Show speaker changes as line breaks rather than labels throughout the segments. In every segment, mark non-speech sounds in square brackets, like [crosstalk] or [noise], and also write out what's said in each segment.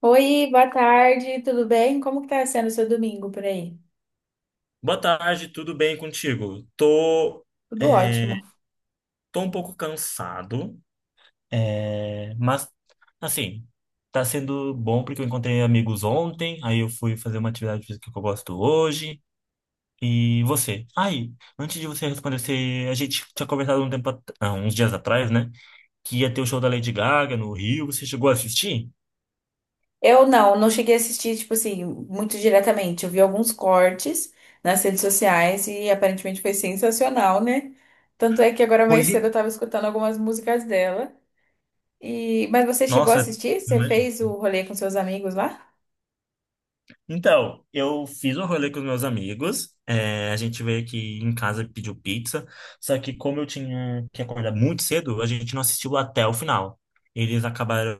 Oi, boa tarde, tudo bem? Como que tá sendo o seu domingo por aí?
Boa tarde, tudo bem contigo?
Tudo
É,
ótimo.
tô um pouco cansado, mas assim, tá sendo bom porque eu encontrei amigos ontem, aí eu fui fazer uma atividade física que eu gosto hoje. E você? Aí, antes de você responder, a gente tinha conversado um tempo, uns dias atrás, né? Que ia ter o show da Lady Gaga no Rio, você chegou a assistir?
Eu não cheguei a assistir, tipo assim, muito diretamente. Eu vi alguns cortes nas redes sociais e aparentemente foi sensacional, né? Tanto é que agora mais
Pois é.
cedo eu tava escutando algumas músicas dela. E... Mas você chegou a
Nossa,
assistir? Você
né?
fez o rolê com seus amigos lá?
Então, eu fiz um rolê com os meus amigos. A gente veio aqui em casa e pediu pizza. Só que como eu tinha que acordar muito cedo, a gente não assistiu até o final. Eles acabaram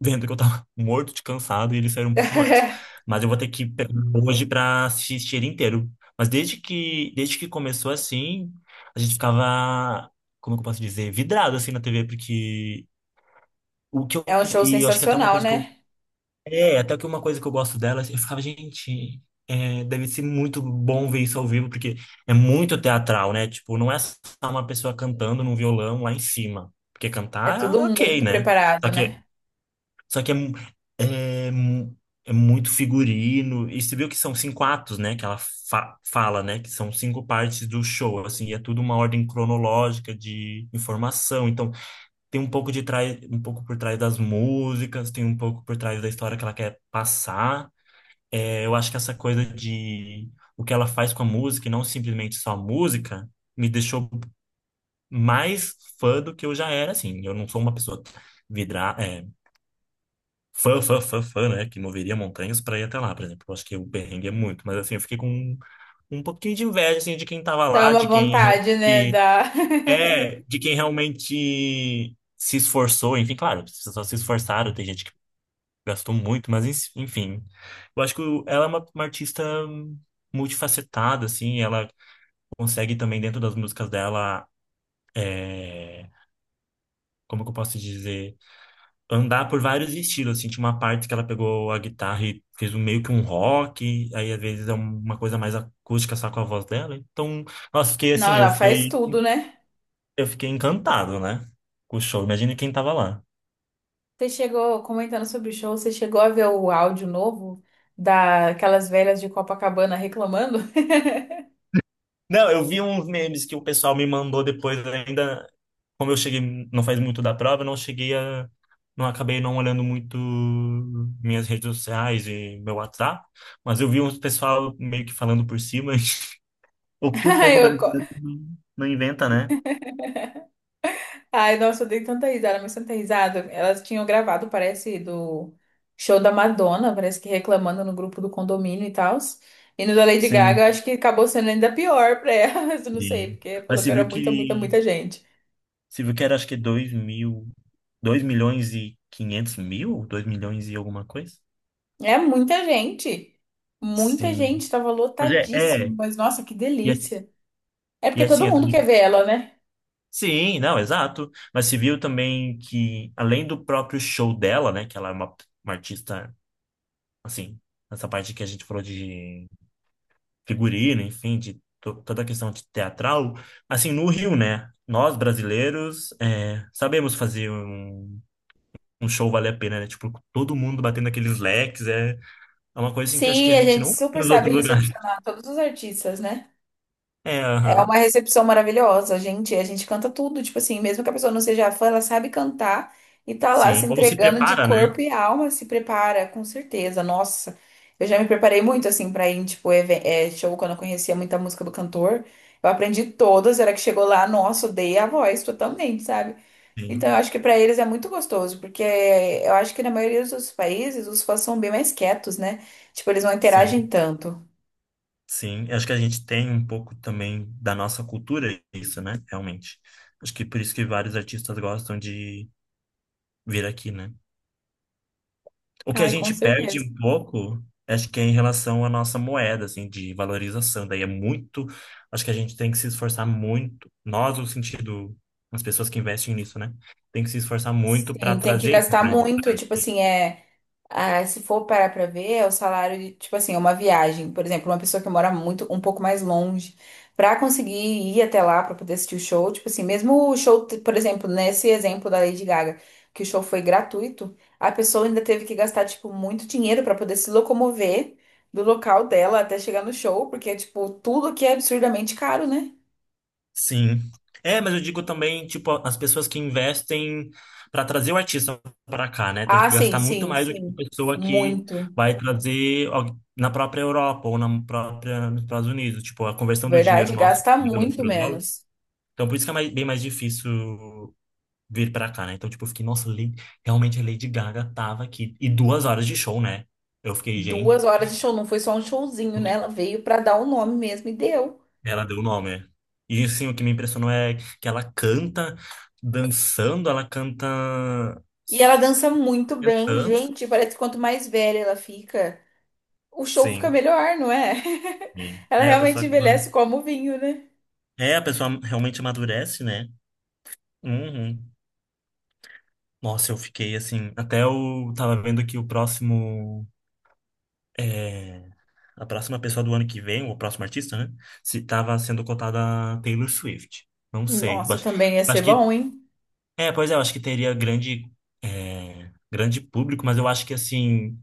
vendo que eu tava [laughs] morto de cansado e eles saíram um pouquinho antes.
[laughs]
Mas eu vou ter que pegar hoje pra assistir ele inteiro. Mas desde que começou assim, a gente ficava, como que eu posso dizer, vidrado assim na TV, porque o que eu,
É um show
e eu acho que até uma
sensacional,
coisa que eu
né?
até que uma coisa que eu gosto dela, eu ficava, gente, deve ser muito bom ver isso ao vivo, porque é muito teatral, né? Tipo, não é só uma pessoa cantando num violão lá em cima. Porque
É
cantar, é
tudo
ok,
muito
né?
preparado,
Só que,
né?
só que é, mu- é muito figurino. E você viu que são cinco atos, né? Que ela fala, né? Que são cinco partes do show, assim, e é tudo uma ordem cronológica de informação. Então, tem um pouco de trás, um pouco por trás das músicas, tem um pouco por trás da história que ela quer passar. É, eu acho que essa coisa de o que ela faz com a música e não simplesmente só a música me deixou mais fã do que eu já era, assim. Eu não sou uma pessoa vidra, é, fã, fã, fã, fã, né? Que moveria montanhas para ir até lá, por exemplo. Eu acho que o perrengue é muito, mas assim, eu fiquei com um pouquinho de inveja, assim, de quem tava
Dá
lá,
uma vontade, né? Dá.
de quem realmente se esforçou, enfim, claro, as pessoas se esforçaram, tem gente que gastou muito, mas enfim. Eu acho que ela é uma artista multifacetada, assim, ela consegue também, dentro das músicas dela, é, como que eu posso dizer, andar por vários estilos, assim, tinha uma parte que ela pegou a guitarra e fez um, meio que um rock, aí às vezes é uma coisa mais acústica só com a voz dela, então, nossa, fiquei
[laughs] Não,
assim, eu
ela faz
fiquei,
tudo, né?
eu fiquei encantado, né, com o show, imagina quem tava lá.
Você chegou, comentando sobre o show, você chegou a ver o áudio novo daquelas velhas de Copacabana reclamando?
Não, eu vi uns memes que o pessoal me mandou depois ainda. Como eu cheguei, não faz muito da prova, eu não cheguei a. Não acabei não olhando muito minhas redes sociais e meu WhatsApp, mas eu vi uns pessoal meio que falando por cima. [laughs] O
[laughs]
que o
Ai,
povo
eu co-
brasileiro não inventa, né?
ai, nossa, eu dei tanta risada, mas tanta risada. Elas tinham gravado, parece, do show da Madonna, parece que reclamando no grupo do condomínio e tal. E no da Lady Gaga,
Sim.
eu acho que acabou sendo ainda pior pra elas, [laughs] eu não sei,
E-
porque
Mas
falou que
você
era
viu
muita, muita,
que.
muita gente.
Você viu que era acho que 2 mil. 2,5 milhões? 2 milhões e alguma coisa?
É muita gente. Muita
Sim.
gente, tava
Mas é,
lotadíssimo,
é.
mas nossa, que
E,
delícia. É
e
porque
é assim.
todo mundo quer ver ela, né?
Sim, não, exato. Mas se viu também que, além do próprio show dela, né, que ela é uma artista, assim, essa parte que a gente falou de figurino, enfim, de toda a questão de teatral, assim, no Rio, né, nós brasileiros sabemos fazer um show valer a pena, né, tipo, todo mundo batendo aqueles leques, é uma coisa assim que eu acho que
Sim,
a
a
gente
gente
não tem
super
nos
sabe
outros lugares.
recepcionar todos os artistas, né?
É,
É uma
aham,
recepção maravilhosa, gente, a gente canta tudo, tipo assim, mesmo que a pessoa não seja fã, ela sabe cantar e tá lá se
sim. Ou se
entregando de
prepara, né?
corpo e alma, se prepara, com certeza. Nossa, eu já me preparei muito assim pra ir, em, tipo, show quando eu conhecia muita música do cantor. Eu aprendi todas, era que chegou lá, nossa, odeia a voz totalmente, sabe? Então, eu
Sim,
acho que para eles é muito gostoso, porque eu acho que na maioria dos outros países os fãs são bem mais quietos, né? Tipo, eles não interagem
sim.
tanto.
Sim, eu acho que a gente tem um pouco também da nossa cultura isso, né? Realmente. Acho que por isso que vários artistas gostam de vir aqui, né? O que a
Ai, com
gente perde
certeza.
um pouco, acho que é em relação à nossa moeda, assim, de valorização. Daí é muito. Acho que a gente tem que se esforçar muito. Nós, no sentido, as pessoas que investem nisso, né? Tem que se esforçar muito para
Sim, tem que
trazer esses
gastar
grandes.
muito, tipo assim, é. Ah, se for parar pra ver, é o salário de, tipo assim, é uma viagem. Por exemplo, uma pessoa que mora muito, um pouco mais longe, pra conseguir ir até lá pra poder assistir o show, tipo assim, mesmo o show, por exemplo, nesse exemplo da Lady Gaga, que o show foi gratuito, a pessoa ainda teve que gastar, tipo, muito dinheiro pra poder se locomover do local dela até chegar no show, porque é, tipo, tudo aqui é absurdamente caro, né?
Sim. É, mas eu digo também, tipo, as pessoas que investem para trazer o artista para cá, né? Tem que
Ah, sim,
gastar muito
sim,
mais do que a
sim.
pessoa que
Muito.
vai trazer na própria Europa ou na própria nos Estados Unidos, tipo, a conversão do dinheiro
Verdade,
nosso
gasta
do euro
muito
para o dólar.
menos.
Então, por isso que é bem mais difícil vir para cá, né? Então, tipo, eu fiquei, nossa, realmente a Lady Gaga tava aqui e 2 horas de show, né? Eu fiquei,
Duas
gente.
horas de show, não foi só um showzinho, né? Ela veio pra dar o nome mesmo e deu.
Ela deu o nome. E assim o que me impressionou é que ela canta dançando, ela canta
E ela dança muito bem,
cantando.
gente. Parece que quanto mais velha ela fica, o show fica
Sim,
melhor, não é?
sim.
[laughs] Ela
É a pessoa
realmente
que
envelhece como vinho, né?
é a pessoa realmente amadurece, né? Uhum. Nossa, eu fiquei assim, até eu tava vendo que o próximo é, a próxima pessoa do ano que vem, o próximo artista, né? Se tava sendo cotada a Taylor Swift. Não sei. Eu
Nossa,
Acho,
também ia ser
acho que
bom, hein?
pois é, eu acho que teria grande público, mas eu acho que assim.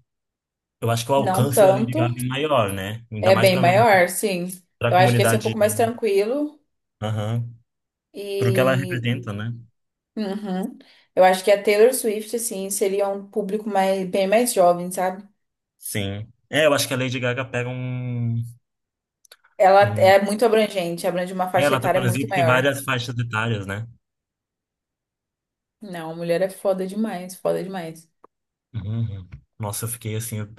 Eu acho que o
Não
alcance da Lady Gaga
tanto.
é maior, né? Ainda
É
mais
bem
para
maior, sim.
a
Eu acho que ia ser um
comunidade,
pouco mais tranquilo.
aham, pro que ela
E.
representa, né?
Uhum. Eu acho que a Taylor Swift, assim, seria um público mais, bem mais jovem, sabe?
Sim. É, eu acho que a Lady Gaga pega
Ela
um...
é muito abrangente, abrange uma faixa
Ela
etária muito
transita em
maior.
várias faixas etárias, né?
Não, mulher é foda demais, foda demais.
Uhum. Uhum. Nossa, eu fiquei assim, eu,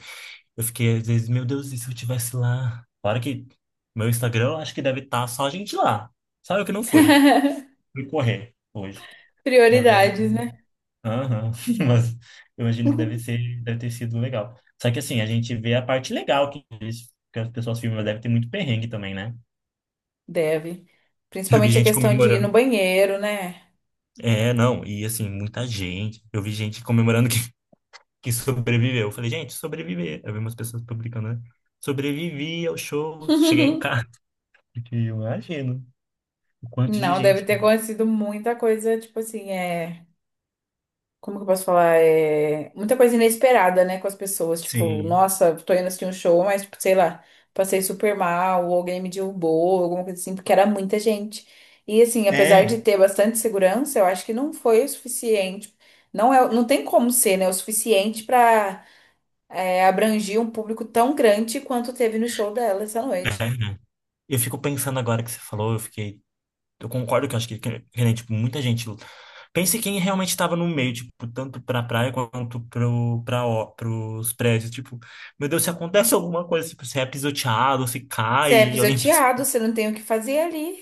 eu fiquei às vezes, meu Deus, e se eu estivesse lá? Claro que meu Instagram eu acho que deve estar só a gente lá. Sabe o que não foi?
[laughs]
Fui correr hoje. Mas é.
Prioridades, né?
Aham, [laughs] Mas eu imagino que deve ser, deve ter sido legal. Só que assim, a gente vê a parte legal que, que as pessoas filmam, mas deve ter muito perrengue também, né?
Deve.
Eu vi
Principalmente a
gente
questão de ir no
comemorando.
banheiro, né?
É, não, e assim, muita gente. Eu vi gente comemorando que, [laughs] que sobreviveu. Eu falei, gente, sobreviver. Eu vi umas pessoas publicando, né? Sobrevivi ao show, cheguei em casa.
[laughs]
Porque eu imagino o quanto de
Não, deve
gente.
ter acontecido muita coisa, tipo assim, é. Como que eu posso falar? É muita coisa inesperada, né, com as pessoas. Tipo,
Sim.
nossa, tô indo assistir um show, mas, tipo, sei lá, passei super mal, ou alguém me derrubou, alguma coisa assim, porque era muita gente. E, assim, apesar
É.
de ter bastante segurança, eu acho que não foi o suficiente. Não é, não tem como ser, né, o suficiente pra abranger um público tão grande quanto teve no show dela essa noite.
Eu fico pensando agora que você falou, eu fiquei. Eu concordo que eu acho que, né, tipo, muita gente. Pense quem realmente estava no meio, tipo, tanto pra praia quanto ó, pros prédios. Tipo, meu Deus, se acontece alguma coisa, tipo, se é pisoteado, se
Você
cai,
é
e alguém pensa.
pisoteado, você não tem o que fazer ali.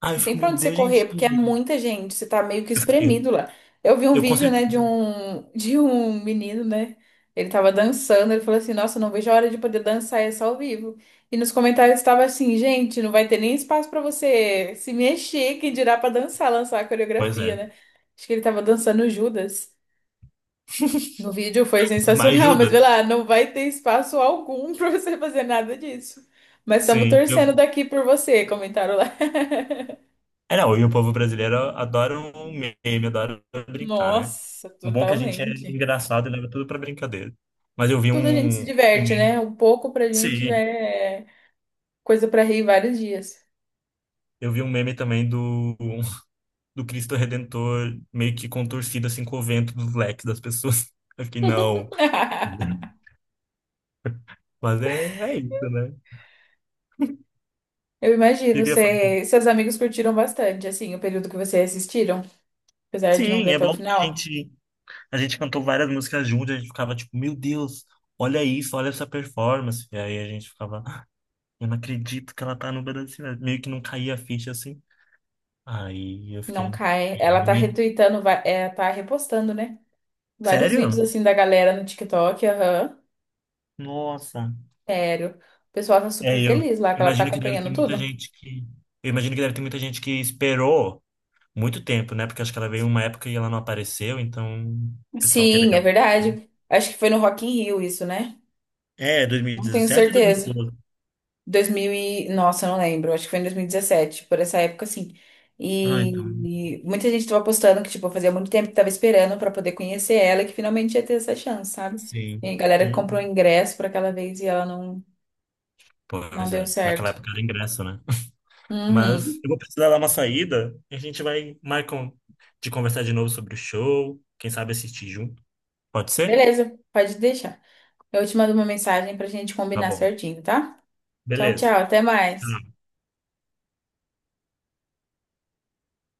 Ah, eu
Não
fico,
tem pra
meu
onde você
Deus, gente.
correr, porque é muita gente, você tá meio que
Eu, fiquei,
espremido lá. Eu vi um
eu com
vídeo, né, de
certeza.
um, [laughs] de um menino, né? Ele tava dançando, ele falou assim: Nossa, não vejo a hora de poder dançar essa ao vivo. E nos comentários estava assim: Gente, não vai ter nem espaço pra você se mexer, quem dirá pra dançar, lançar a
Pois
coreografia,
é.
né? Acho que ele tava dançando Judas. No vídeo foi
Mas
sensacional, [laughs] mas vê
ajuda.
lá, não vai ter espaço algum [laughs] pra você fazer nada disso. Mas estamos
Sim. Eu,
torcendo daqui por você, comentaram lá.
não, e o povo brasileiro adora um meme, adora brincar, né?
Nossa,
O bom é que a gente é
totalmente.
engraçado e leva tudo pra brincadeira. Mas eu vi
Tudo a gente se
um,
diverte,
meme.
né? Um pouco pra gente já
Sim,
é coisa pra rir vários dias.
eu vi um meme também do Cristo Redentor meio que contorcido assim com o vento dos leques das pessoas. [laughs] Eu fiquei, não.
[laughs]
Mas é isso, né? eu
Eu imagino,
Queria falar.
você, seus amigos curtiram bastante, assim, o período que vocês assistiram, apesar de não
Sim,
ver
é
até o
bom que a
final.
gente, a gente cantou várias músicas juntas, a gente ficava tipo, meu Deus, olha isso, olha essa performance. E aí a gente ficava, "Ah, eu não acredito que ela tá no Brasil. Meio que não caía a ficha assim. Aí eu
Não
fiquei,
cai.
"É,
Ela tá
realmente?
retweetando, tá repostando, né? Vários vídeos,
Sério?
assim, da galera no TikTok, aham.
Nossa.
Sério. O pessoal tá super
É, eu,
feliz lá, que
eu
ela tá
imagino que deve ter
acompanhando
muita
tudo.
gente que. Eu imagino que deve ter muita gente que esperou muito tempo, né? Porque acho que ela veio uma época e ela não apareceu, então o pessoal quer ver
Sim, é
realmente.
verdade. Acho que foi no Rock in Rio isso, né?
É,
Não tenho
2017 ou
certeza.
2012?
2000 e... Nossa, eu não lembro. Acho que foi em 2017, por essa época, assim.
Ah, então.
E muita gente tava postando que, tipo, fazia muito tempo que tava esperando pra poder conhecer ela e que finalmente ia ter essa chance, sabe? E a
Sim.
galera que comprou
Hum.
ingresso pra aquela vez e ela não, não
Pois
deu
é. Naquela
certo.
época era ingresso, né? [laughs] Mas
Uhum.
eu vou precisar dar uma saída e a gente vai marcar um, de conversar de novo sobre o show. Quem sabe assistir junto. Pode ser?
Beleza, pode deixar. Eu te mando uma mensagem pra gente
Tá
combinar
bom.
certinho, tá? Tchau, tchau.
Beleza.
Até mais.
Tchau.